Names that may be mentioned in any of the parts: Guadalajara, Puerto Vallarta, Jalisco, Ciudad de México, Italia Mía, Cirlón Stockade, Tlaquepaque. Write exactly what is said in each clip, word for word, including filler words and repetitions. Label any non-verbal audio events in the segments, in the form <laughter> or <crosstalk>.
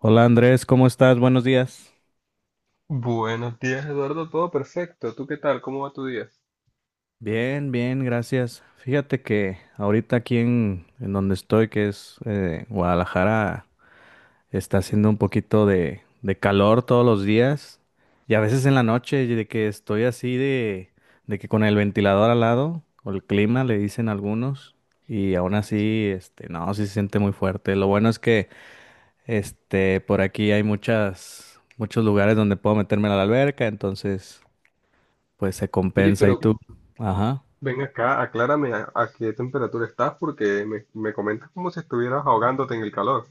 Hola Andrés, ¿cómo estás? Buenos días. Buenos días, Eduardo. Todo perfecto. ¿Tú qué tal? ¿Cómo va tu día? Bien, bien, gracias. Fíjate que ahorita aquí en, en donde estoy, que es eh, Guadalajara, está haciendo un poquito de, de calor todos los días y a veces en la noche y de que estoy así de, de que con el ventilador al lado o el clima le dicen algunos y aún así, este, no, sí se siente muy fuerte. Lo bueno es que este, por aquí hay muchas, muchos lugares donde puedo meterme a la alberca, entonces pues se Oye, compensa. ¿Y pero tú? Ajá. ven acá, aclárame a, a qué temperatura estás porque me, me comentas como si estuvieras ahogándote en el calor.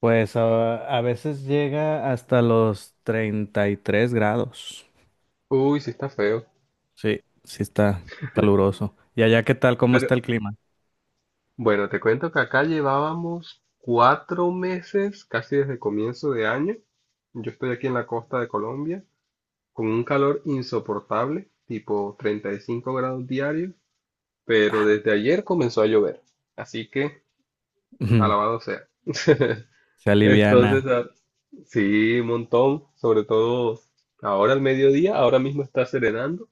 Pues a, a veces llega hasta los treinta y tres grados. Uy, sí está feo. Sí, sí está caluroso. ¿Y allá qué tal? ¿Cómo Pero está el clima? bueno, te cuento que acá llevábamos cuatro meses, casi desde comienzo de año. Yo estoy aquí en la costa de Colombia, con un calor insoportable, tipo treinta y cinco grados diarios, pero desde ayer comenzó a llover. Así que, Ujú. alabado sea. Se Entonces, aliviana. a- sí, un montón, sobre todo ahora al mediodía, ahora mismo está serenando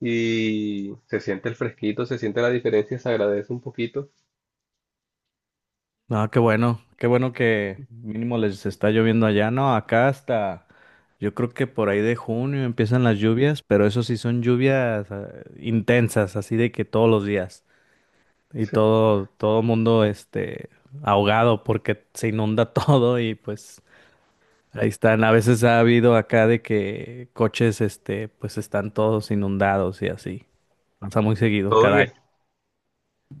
y se siente el fresquito, se siente la diferencia, se agradece un poquito, No, qué bueno. Qué bueno que mínimo les está lloviendo allá. No, acá hasta yo creo que por ahí de junio empiezan las lluvias, pero eso sí son lluvias eh, intensas, así de que todos los días. Y todo, todo mundo este ahogado porque se inunda <laughs> todo y pues ahí están. A veces ha habido acá de que coches este pues están todos inundados y así. Pasa muy seguido todo cada en, año. es-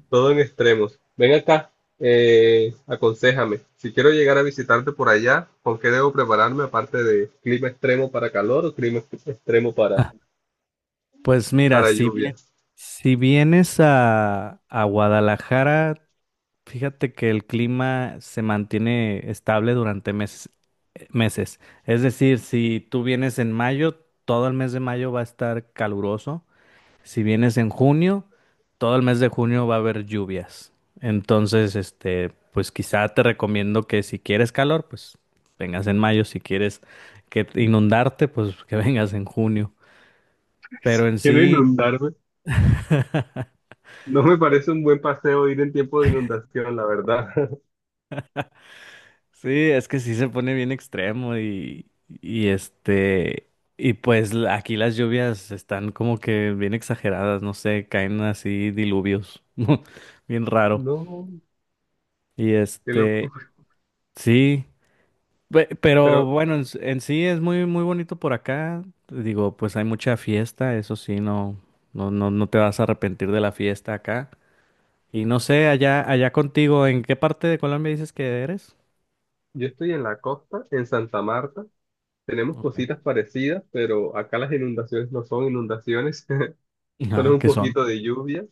todo en extremos. Ven acá, eh, aconséjame, si quiero llegar a visitarte por allá, ¿con qué debo prepararme aparte de clima extremo para calor o clima ex- extremo <laughs> para, Ah, pues mira, para si lluvia? bien, si vienes a, a Guadalajara, fíjate que el clima se mantiene estable durante meses, meses. Es decir, si tú vienes en mayo, todo el mes de mayo va a estar caluroso. Si vienes en junio, todo el mes de junio va a haber lluvias. Entonces, este, pues quizá te recomiendo que si quieres calor, pues vengas en mayo. Si quieres que te- inundarte, pues que <laughs> vengas en junio. Pero en <laughs> Quiero sí, inundarme, <laughs> no me parece un buen paseo ir en tiempo de inundación, la verdad. <laughs> sí, es que sí se pone bien extremo y, y este, y pues la- aquí las lluvias están como que bien exageradas, no sé, caen así diluvios, <laughs> bien raro. No, Y qué este, loco. sí. Pe- Pero Pero. bueno, en, s- en sí es muy, muy bonito por acá. Digo, pues hay mucha fiesta, eso sí, no, no, no, no te vas a arrepentir de la fiesta acá. Y no sé, allá, allá contigo, ¿en qué parte de Colombia dices que eres? Yo estoy en la costa, en Santa Marta. Tenemos Ok. cositas parecidas, pero acá las inundaciones no son inundaciones, <laughs> solo Ah, es un que son. poquito de lluvia.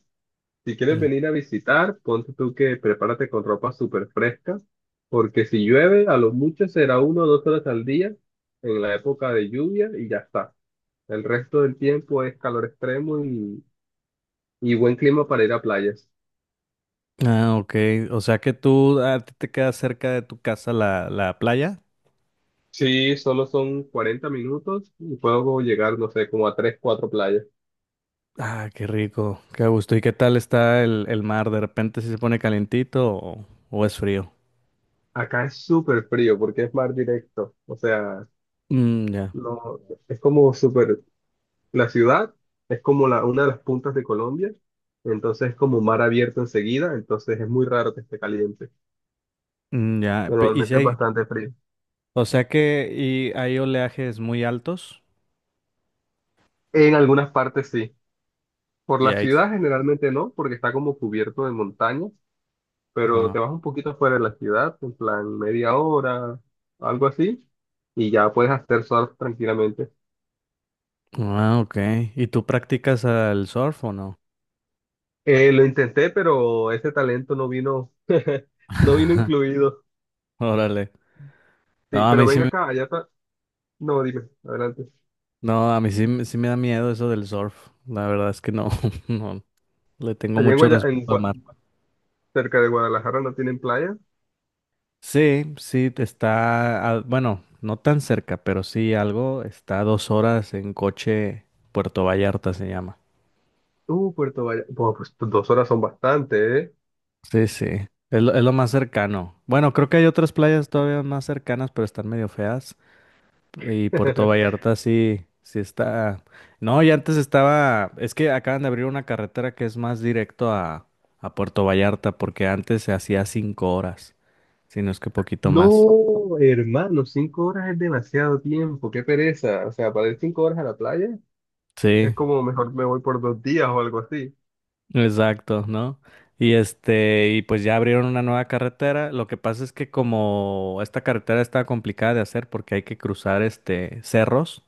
Si Son. quieres Mm. venir a visitar, ponte tú que prepárate con ropa súper fresca, porque si llueve, a lo mucho será uno o dos horas al día en la época de lluvia y ya está. El resto del tiempo es calor extremo y, y buen clima para ir a playas. Ah, ok. O sea que tú, a ti te queda cerca de tu casa la, la playa. Sí, solo son cuarenta minutos y puedo llegar, no sé, como a tres cuatro playas. Ah, qué rico, qué gusto. ¿Y qué tal está el, el mar? ¿De repente si se pone calentito o, o es frío? Acá es súper frío porque es mar directo. O sea, Mm, ya. no, es como súper... La ciudad es como la, una de las puntas de Colombia. Entonces es como mar abierto enseguida. Entonces es muy raro que esté caliente. Mm, ya. Pe- ¿Y si Normalmente es hay, bastante frío. o sea que y hay oleajes muy altos En algunas partes sí. Por y la hay? ciudad generalmente no, porque está como cubierto de montañas. Pero Ah, te vas un poquito afuera de la ciudad, en plan media hora, algo así. Y ya puedes hacer surf tranquilamente. ah, ok. ¿Y tú practicas el surf o no? Eh, lo intenté, pero ese talento no vino, <laughs> no vino <laughs> incluido. Órale. No, Sí, a pero mí sí ven me, acá, allá está. No, dime, adelante. no, a mí sí, me- sí me da miedo eso del surf. La verdad es que no, <laughs> no, le tengo Allá en, mucho Guaya- en respeto al Gua- mar. Cerca de Guadalajara no tienen playa. Sí, sí, te está, a- bueno, no tan cerca, pero sí algo, está a dos horas en coche, Puerto Vallarta se llama. Uh, Puerto Vallarta. Bueno, pues pues, dos horas son bastante, ¿eh? Sí, sí, es lo, es lo más cercano. Bueno, creo que hay otras playas todavía más cercanas, pero están medio feas. Y Puerto <laughs> Vallarta sí, sí está. No, y antes estaba. Es que acaban de abrir una carretera que es más directo a, a Puerto Vallarta, porque antes se hacía cinco horas, si no es que poquito más. No, hermano, cinco horas es demasiado tiempo, qué pereza. O sea, para ir cinco horas a la playa es Sí. como mejor me voy por dos días o algo así. Exacto, ¿no? Y este, y pues ya abrieron una nueva carretera. Lo que pasa es que como esta carretera está complicada de hacer porque hay que cruzar este cerros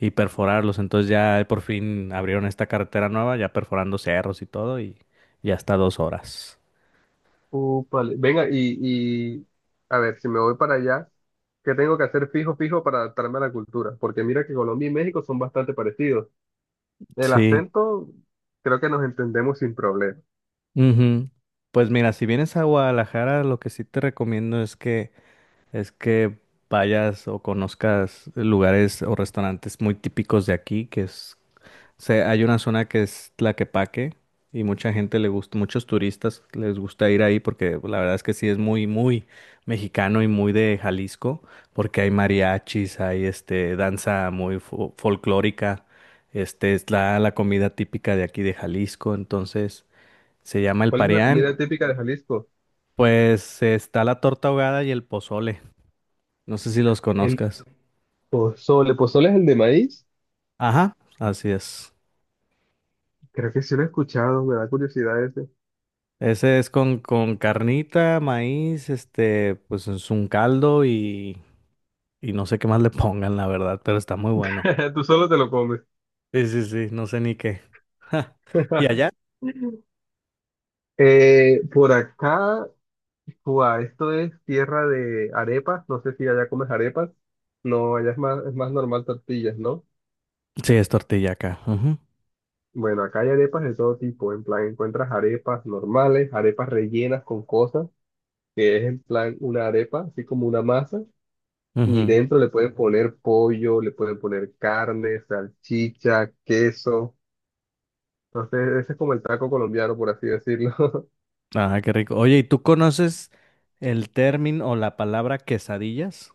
y perforarlos. Entonces ya por fin abrieron esta carretera nueva, ya perforando cerros y todo, y ya está dos horas. Úpale. Venga, y, y a ver, si me voy para allá, ¿qué tengo que hacer fijo, fijo para adaptarme a la cultura? Porque mira que Colombia y México son bastante parecidos. El Sí. acento, creo que nos entendemos sin problema. Ujú. Pues mira, si vienes a Guadalajara, lo que sí te recomiendo es que es que vayas o conozcas lugares o restaurantes muy típicos de aquí, que es, se- hay una zona que es Tlaquepaque y mucha gente le gusta, muchos turistas les gusta ir ahí porque la verdad es que sí es muy, muy mexicano y muy de Jalisco, porque hay mariachis, hay este, danza muy fo- folclórica, este, es la, la comida típica de aquí de Jalisco, entonces se llama el ¿Cuál es la pareán, comida típica de Jalisco? pues está la torta ahogada y el pozole, no sé si los El conozcas. pozole. ¿Pozole es el de maíz? Ajá, así es. Creo que sí lo he escuchado, me da curiosidad ese. Ese es con, con carnita, maíz, este, pues es un caldo y, y no sé qué más le <laughs> pongan, la verdad, pero está muy bueno. <laughs> Tú solo te lo comes. Sí, sí, sí, no sé ni qué. <laughs> ¿Y <laughs> allá? Eh, por acá, ua, esto es tierra de arepas. No sé si allá comes arepas. No, allá es más, es más normal tortillas, ¿no? Sí, es tortilla acá. Ujú, Bueno, acá hay arepas de todo tipo. En plan, encuentras arepas normales, arepas rellenas con cosas, que es en plan una arepa, así como una masa. Y ujú. dentro le pueden poner pollo, le pueden poner carne, salchicha, queso. Entonces, ese es como el taco colombiano, por así decirlo. <laughs> Ajá, qué rico. Oye, ¿y tú conoces el término o la palabra quesadillas?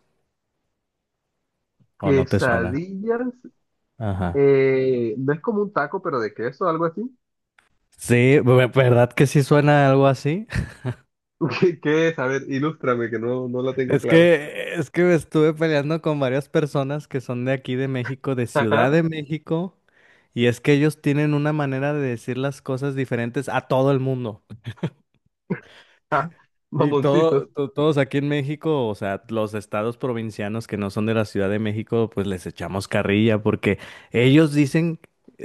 ¿O no te suena? Quesadillas, Ajá. eh, no es como un taco, pero de queso, algo así. Sí, ve- ¿verdad que sí suena algo así? <laughs> ¿Qué, qué es? A ver, ilústrame, que no, no la tengo Es clara. que, es que me estuve peleando con varias personas que son de aquí de México, de Ciudad Ajá. de <laughs> México, y es que ellos tienen una manera de decir las cosas diferentes a todo el mundo. Ah, Y mamoncitos. todo, to- todos aquí en México, o sea, los estados provincianos que no son de la Ciudad de México, pues les echamos carrilla porque ellos dicen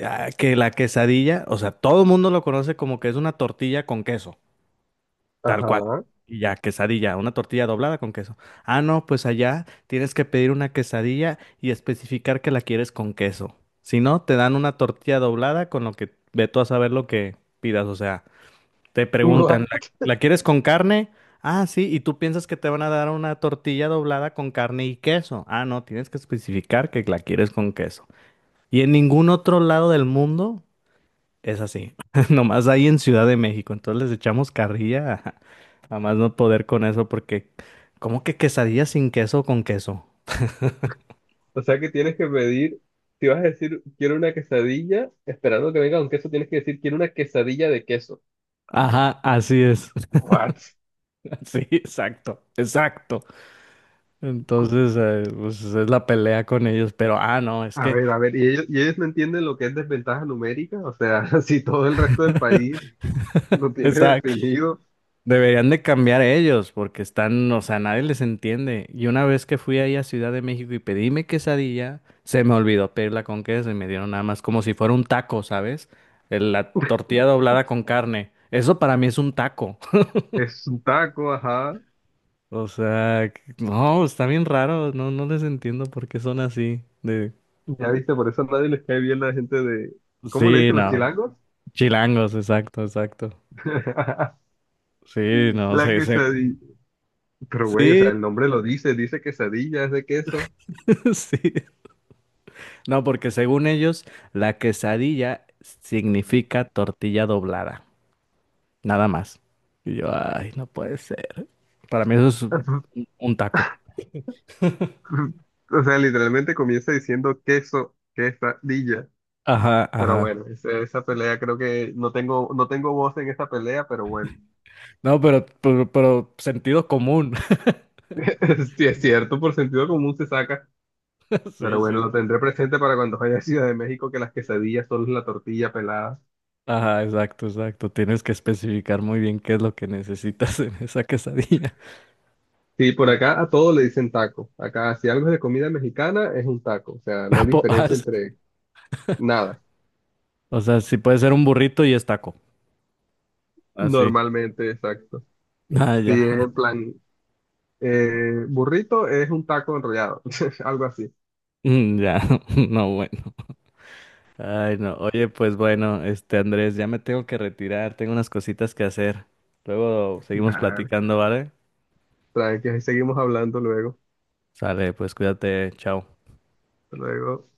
ah, que la quesadilla, o sea, todo el mundo lo conoce como que es una tortilla con queso. Tal cual. Ajá. Y ya, quesadilla, una tortilla doblada con queso. Ah, no, pues allá tienes que pedir una quesadilla y especificar que la quieres con queso. Si no, te dan una tortilla doblada con lo que ve tú a saber lo que pidas. O sea, te preguntan, ¿la, <laughs> la quieres con carne? Ah, sí, y tú piensas que te van a dar una tortilla doblada con carne y queso. Ah, no, tienes que especificar que la quieres con queso. Y en ningún otro lado del mundo. Es así, <laughs> nomás ahí en Ciudad de México, entonces les echamos carrilla a, a más no poder con eso porque ¿cómo que quesadilla sin queso o con queso? O sea que tienes que pedir, si vas a decir quiero una quesadilla, esperando que venga un queso, tienes que decir quiero una quesadilla de queso. Ajá, así es, What? <laughs> sí, exacto, exacto. Cu- Entonces, eh, pues es la pelea con ellos, pero ah, no, es A que, ver, a ver, ¿y ellos, y ellos no entienden lo que es desventaja numérica? O sea, <laughs> si todo el resto del país lo tiene exacto. definido, Deberían de cambiar ellos porque están, o sea, nadie les entiende. Y una vez que fui ahí a Ciudad de México y pedí mi quesadilla, se me olvidó pedirla con queso y me dieron nada más como si fuera un taco, ¿sabes? El- La tortilla doblada con carne. Eso para mí es un taco. <laughs> es un taco, ajá. O sea, que- no, está bien raro. No, no les entiendo por qué son así. De... Ya viste, por eso a nadie les cae bien la gente de... ¿Cómo le Sí, dicen los no. chilangos? Chilangos, exacto, exacto. <laughs> Sí, no, La sé, se... quesadilla. Pero güey, o sí, sea, el nombre lo dice, dice quesadilla, es de queso. <laughs> sí. No, porque según ellos, la quesadilla significa tortilla doblada, nada más. Y yo, ay, no puede ser. Para mí eso es un <laughs> un taco. <laughs> O sea, literalmente comienza diciendo queso, quesadilla. Ajá, Pero ajá. bueno, ese- esa pelea creo que no tengo, no tengo voz en esa pelea, pero bueno. No, pero, pero, pero sentido común. <laughs> Sí, es cierto, por sentido común se saca. <laughs> Pero Sí, sí. bueno, lo tendré presente para cuando vaya a Ciudad de México, que las quesadillas son la tortilla pelada. Ajá, exacto, exacto. Tienes que especificar muy bien qué es lo que necesitas en esa quesadilla. Sí, por <laughs> acá a todo le dicen taco. Acá, si algo es de comida mexicana, es un taco. O sea, no Ah, hay po- ah, diferencia s- entre nada. O sea, si puede ser un burrito y es taco. Así. Normalmente, exacto. Ah, sí. Ah, Si ya. es en <laughs> plan, eh, burrito es un taco enrollado, <laughs> algo así. Mm, ya. <laughs> No, bueno. Ay, no. Oye, pues bueno, este Andrés, ya me tengo que retirar, tengo unas cositas que hacer. Luego seguimos Nah, platicando, ¿vale? tranqui, ahí seguimos hablando luego. Sale, pues cuídate, chao. Hasta luego.